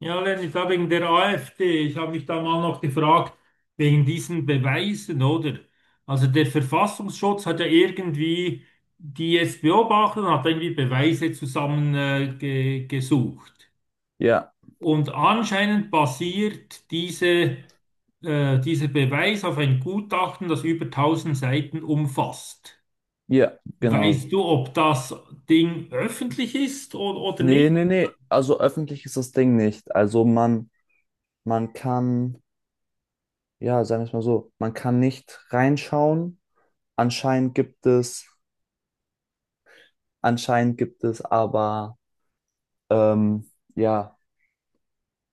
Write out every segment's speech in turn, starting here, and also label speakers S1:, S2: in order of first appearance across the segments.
S1: Ja, Lenny, da wegen der AfD. Ich habe mich da mal noch gefragt, wegen diesen Beweisen, oder? Also der Verfassungsschutz hat ja irgendwie die jetzt beobachtet und hat irgendwie Beweise zusammen ge gesucht.
S2: Ja,
S1: Und anscheinend basiert dieser Beweis auf ein Gutachten, das über tausend Seiten umfasst.
S2: ja, genau.
S1: Weißt du, ob das Ding öffentlich ist oder
S2: Nee,
S1: nicht?
S2: nee, nee. Also öffentlich ist das Ding nicht. Also man kann, ja, sagen wir es mal so, man kann nicht reinschauen. Anscheinend gibt es, Anscheinend gibt es aber, ähm, ja,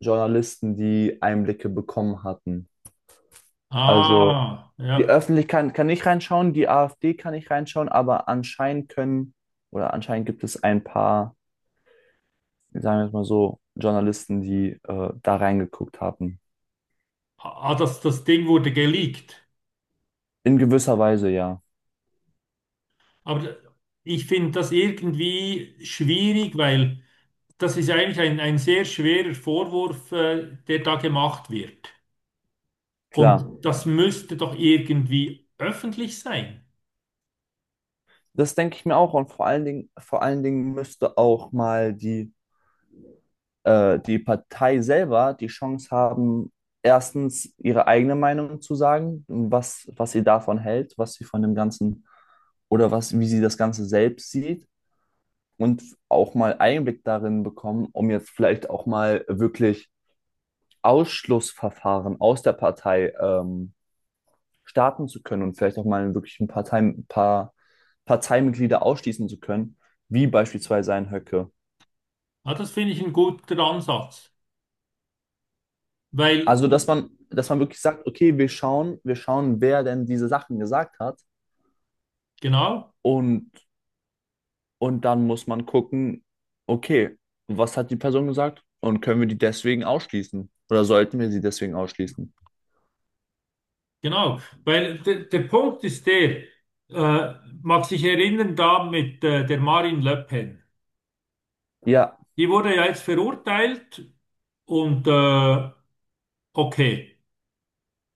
S2: Journalisten, die Einblicke bekommen hatten. Also
S1: Ah,
S2: die
S1: ja.
S2: Öffentlichkeit kann nicht reinschauen, die AfD kann nicht reinschauen, aber anscheinend können, oder anscheinend gibt es ein paar, sagen wir es mal so, Journalisten, die da reingeguckt haben.
S1: Ah, das Ding wurde geleakt.
S2: In gewisser Weise ja,
S1: Aber ich finde das irgendwie schwierig, weil das ist eigentlich ein sehr schwerer Vorwurf, der da gemacht wird.
S2: klar.
S1: Und das müsste doch irgendwie öffentlich sein.
S2: Das denke ich mir auch. Und vor allen Dingen müsste auch mal die Partei selber die Chance haben, erstens ihre eigene Meinung zu sagen, was sie davon hält, was sie von dem Ganzen oder was, wie sie das Ganze selbst sieht und auch mal Einblick darin bekommen, um jetzt vielleicht auch mal wirklich Ausschlussverfahren aus der Partei starten zu können und vielleicht auch mal wirklich ein paar Parteimitglieder ausschließen zu können, wie beispielsweise ein Höcke.
S1: Ja, das finde ich ein guter Ansatz. Weil,
S2: Also, dass man wirklich sagt, okay, wir schauen, wer denn diese Sachen gesagt hat
S1: genau,
S2: und, und dann muss man gucken, okay, was hat die Person gesagt und können wir die deswegen ausschließen oder sollten wir sie deswegen ausschließen?
S1: genau. Weil der Punkt ist der, äh, mag sich erinnern, da mit der Marine Le Pen.
S2: Ja,
S1: Die wurde ja jetzt verurteilt und okay.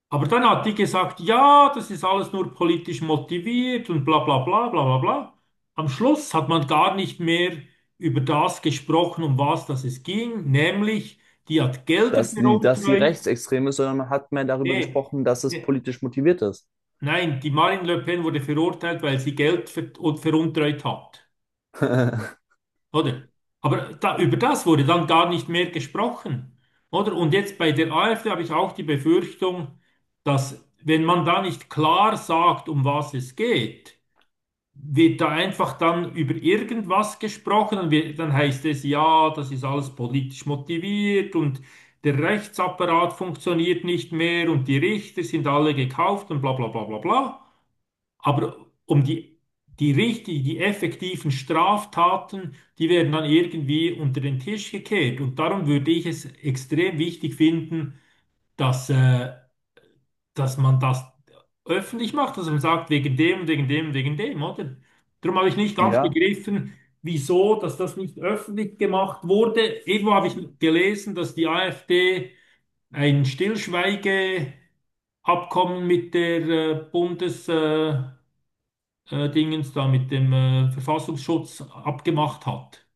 S1: Aber dann hat die gesagt, ja, das ist alles nur politisch motiviert und bla bla bla bla bla bla. Am Schluss hat man gar nicht mehr über das gesprochen, um was das es ging, nämlich die hat Gelder
S2: dass sie
S1: veruntreut.
S2: rechtsextrem ist, sondern man hat mehr darüber
S1: Nee,
S2: gesprochen, dass es
S1: nee.
S2: politisch motiviert ist.
S1: Nein, die Marine Le Pen wurde verurteilt, weil sie Geld veruntreut hat. Oder? Aber da, über das wurde dann gar nicht mehr gesprochen. Oder? Und jetzt bei der AfD habe ich auch die Befürchtung, dass wenn man da nicht klar sagt, um was es geht, wird da einfach dann über irgendwas gesprochen und wir, dann heißt es, ja, das ist alles politisch motiviert und der Rechtsapparat funktioniert nicht mehr und die Richter sind alle gekauft und bla bla bla bla bla. Aber um die, die effektiven Straftaten, die werden dann irgendwie unter den Tisch gekehrt. Und darum würde ich es extrem wichtig finden, dass, äh, dass man das öffentlich macht, dass man sagt, wegen dem, wegen dem, wegen dem, oder? Darum habe ich nicht ganz
S2: Ja.
S1: begriffen, wieso, dass das nicht öffentlich gemacht wurde. Irgendwo habe ich gelesen, dass die AfD ein Stillschweigeabkommen mit der Bundes, Dingens da mit dem Verfassungsschutz abgemacht hat.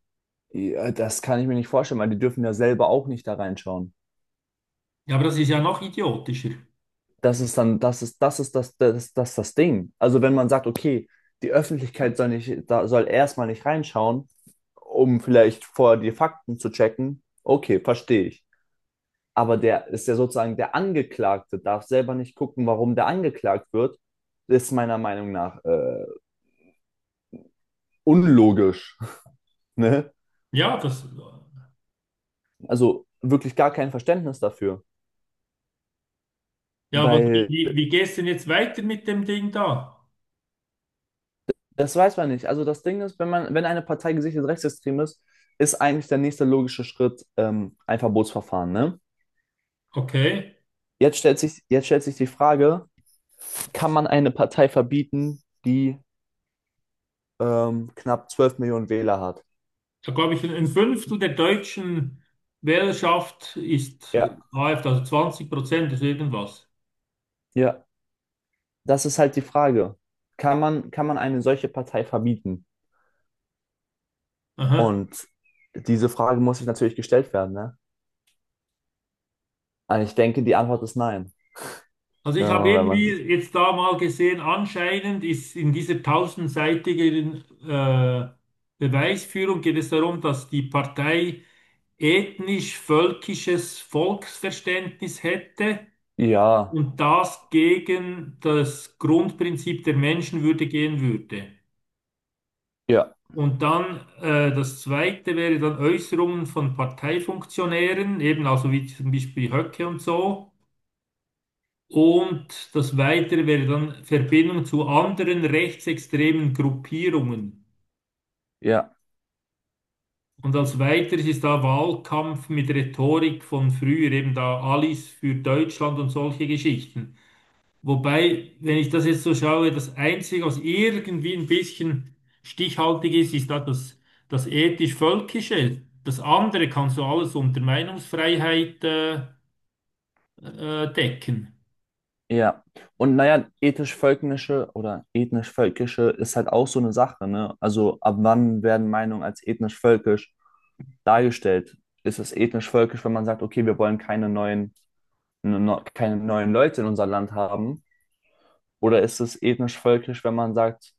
S2: Ja, das kann ich mir nicht vorstellen, weil die dürfen ja selber auch nicht da reinschauen.
S1: Ja, aber das ist ja noch idiotischer.
S2: Das ist dann, das ist, das ist das, das, das, das Ding. Also wenn man sagt, okay, die Öffentlichkeit soll nicht, da soll erstmal nicht reinschauen, um vielleicht vorher die Fakten zu checken, okay, verstehe ich. Aber der ist ja sozusagen der Angeklagte, darf selber nicht gucken, warum der angeklagt wird, ist meiner Meinung nach unlogisch. Ne?
S1: Ja, das,
S2: Also wirklich gar kein Verständnis dafür.
S1: ja, aber wie,
S2: Weil
S1: wie, wie gehst du denn jetzt weiter mit dem Ding da?
S2: das weiß man nicht. Also das Ding ist, wenn eine Partei gesichert rechtsextrem ist, ist eigentlich der nächste logische Schritt ein Verbotsverfahren, ne?
S1: Okay.
S2: Jetzt stellt sich die Frage, kann man eine Partei verbieten, die knapp 12 Millionen Wähler hat?
S1: Da glaube ich, ein Fünftel der deutschen Wählerschaft ist
S2: Ja.
S1: AfD, also 20% ist irgendwas.
S2: Ja, das ist halt die Frage. Kann man eine solche Partei verbieten?
S1: Aha.
S2: Und diese Frage muss sich natürlich gestellt werden, ne? Und ich denke, die Antwort ist nein.
S1: Also ich habe
S2: Wenn
S1: irgendwie
S2: man,
S1: jetzt da mal gesehen, anscheinend ist in dieser tausendseitigen Beweisführung geht es darum, dass die Partei ethnisch-völkisches Volksverständnis hätte
S2: ja,
S1: und das gegen das Grundprinzip der Menschenwürde gehen würde.
S2: ja,
S1: Und dann das zweite wäre dann Äußerungen von Parteifunktionären, eben also wie zum Beispiel Höcke und so. Und das Weitere wäre dann Verbindung zu anderen rechtsextremen Gruppierungen.
S2: ja.
S1: Und als Weiteres ist da Wahlkampf mit Rhetorik von früher, eben da Alice für Deutschland und solche Geschichten. Wobei, wenn ich das jetzt so schaue, das Einzige, was irgendwie ein bisschen stichhaltig ist, ist da das ethisch-völkische. Das andere kannst du alles unter Meinungsfreiheit decken.
S2: Ja, und naja, ethisch-völkische oder ethnisch-völkische ist halt auch so eine Sache, ne? Also ab wann werden Meinungen als ethnisch-völkisch dargestellt? Ist es ethnisch-völkisch, wenn man sagt, okay, wir wollen keine neuen, keine neuen Leute in unser Land haben? Oder ist es ethnisch-völkisch, wenn man sagt,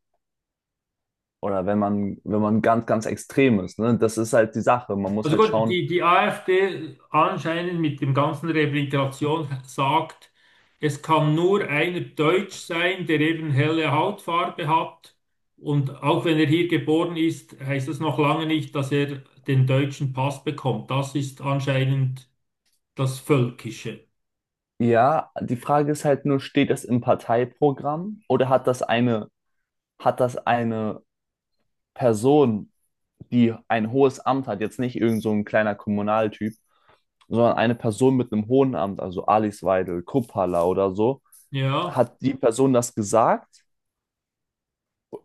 S2: oder wenn man, wenn man ganz, ganz extrem ist, ne? Das ist halt die Sache. Man muss
S1: Also
S2: halt
S1: gut,
S2: schauen,
S1: die AfD anscheinend mit dem ganzen Rehabilitation sagt, es kann nur einer Deutsch sein, der eben helle Hautfarbe hat. Und auch wenn er hier geboren ist, heißt das noch lange nicht, dass er den deutschen Pass bekommt. Das ist anscheinend das Völkische.
S2: ja, die Frage ist halt nur, steht das im Parteiprogramm oder hat hat das eine Person die ein hohes Amt hat, jetzt nicht irgend so ein kleiner Kommunaltyp, sondern eine Person mit einem hohen Amt, also Alice Weidel, Kuppala oder so,
S1: Ja,
S2: hat die Person das gesagt,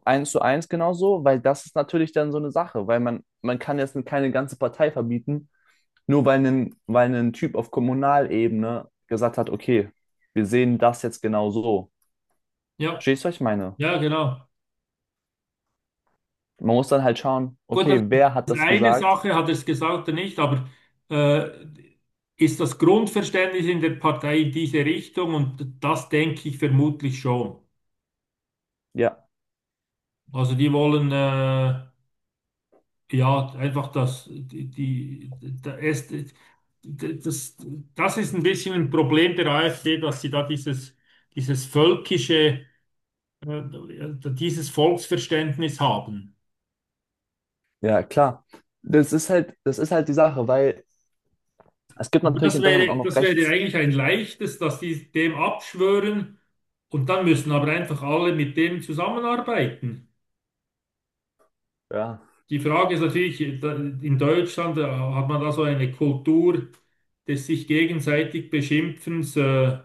S2: eins zu eins genauso, weil das ist natürlich dann so eine Sache, weil man kann jetzt keine ganze Partei verbieten, nur weil ein Typ auf Kommunalebene gesagt hat, okay, wir sehen das jetzt genau so.
S1: ja,
S2: Verstehst du, was ich meine?
S1: ja, genau.
S2: Man muss dann halt schauen,
S1: Gut,
S2: okay,
S1: das
S2: wer hat
S1: ist
S2: das
S1: eine
S2: gesagt?
S1: Sache, hat er es gesagt oder nicht, aber äh, ist das Grundverständnis in der Partei in diese Richtung? Und das denke ich vermutlich schon.
S2: Ja,
S1: Also die wollen ja einfach das, die, die, da ist, das, das ist ein bisschen ein Problem der AfD, dass sie da dieses völkische, äh, dieses Volksverständnis haben.
S2: ja, klar. Das ist halt die Sache, weil es gibt
S1: Aber
S2: natürlich
S1: das
S2: in Deutschland auch
S1: wäre,
S2: noch
S1: das wäre
S2: rechts.
S1: eigentlich ein leichtes, dass die dem abschwören und dann müssen aber einfach alle mit dem zusammenarbeiten.
S2: Ja,
S1: Die Frage ist natürlich, in Deutschland hat man da so eine Kultur des sich gegenseitig Beschimpfens.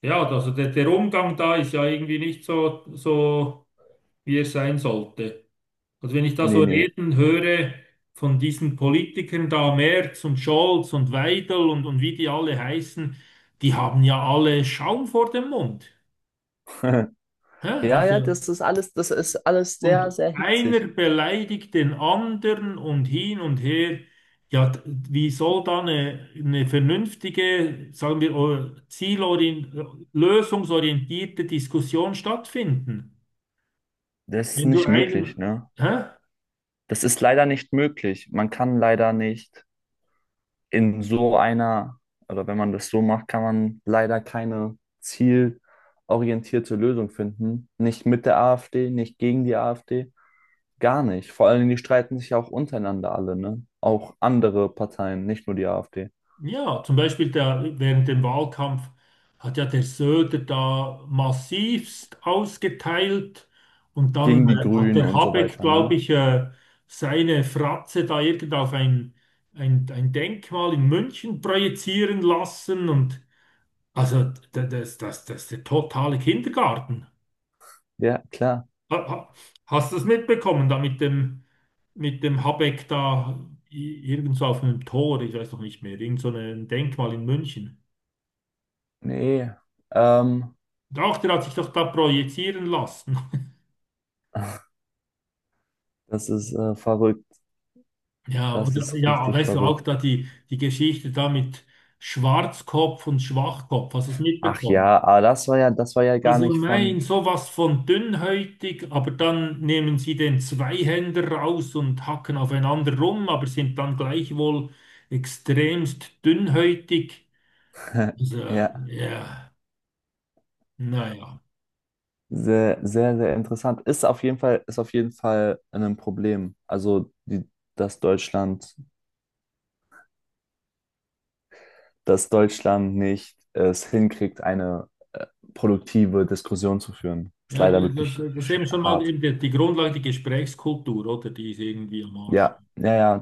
S1: Ja, also der Umgang da ist ja irgendwie nicht so, wie er sein sollte. Also wenn ich da so
S2: nee, nee.
S1: reden höre von diesen Politikern da, Merz und Scholz und Weidel und wie die alle heißen, die haben ja alle Schaum vor dem Mund. Hä?
S2: Ja, ja,
S1: Also,
S2: das ist alles
S1: und
S2: sehr, sehr hitzig.
S1: einer beleidigt den anderen und hin und her. Ja, wie soll da eine vernünftige, sagen wir, lösungsorientierte Diskussion stattfinden?
S2: Das ist
S1: Wenn du
S2: nicht möglich,
S1: einem,
S2: ne?
S1: hä?
S2: Das ist leider nicht möglich. Man kann leider nicht in so einer, oder wenn man das so macht, kann man leider keine zielorientierte Lösung finden. Nicht mit der AfD, nicht gegen die AfD, gar nicht. Vor allen Dingen, die streiten sich ja auch untereinander alle, ne? Auch andere Parteien, nicht nur die AfD.
S1: Ja, zum Beispiel der, während dem Wahlkampf hat ja der Söder da massivst ausgeteilt und dann
S2: Gegen die
S1: hat
S2: Grünen
S1: der
S2: und so
S1: Habeck,
S2: weiter,
S1: glaube
S2: ne?
S1: ich, seine Fratze da irgend auf ein Denkmal in München projizieren lassen und also das ist der totale Kindergarten.
S2: Ja, klar.
S1: Ha- ha- Hast du das mitbekommen da mit dem Habeck da irgendwo auf einem Tor, ich weiß noch nicht mehr, irgend so ein Denkmal in München?
S2: Nee, ähm,
S1: Doch, der hat sich doch da projizieren lassen.
S2: das ist verrückt.
S1: Ja,
S2: Das
S1: oder
S2: ist
S1: ja,
S2: richtig
S1: weißt du auch
S2: verrückt.
S1: da die Geschichte da mit Schwarzkopf und Schwachkopf, hast du es
S2: Ach ja,
S1: mitbekommen?
S2: aber das war ja gar
S1: Also
S2: nicht von.
S1: sowas von dünnhäutig, aber dann nehmen sie den Zweihänder raus und hacken aufeinander rum, aber sind dann gleichwohl extremst dünnhäutig. Also,
S2: Ja,
S1: ja, naja.
S2: sehr, sehr, sehr interessant. Ist auf jeden Fall, ist auf jeden Fall ein Problem. Also, die, dass Deutschland, dass Deutschland nicht es hinkriegt, eine äh, produktive Diskussion zu führen. Ist
S1: Ja, ja,
S2: leider wirklich
S1: das ist eben schon mal
S2: hart.
S1: eben die Grundlage, die Gesprächskultur, oder? Die ist irgendwie am Arsch.
S2: Ja, ja, ja.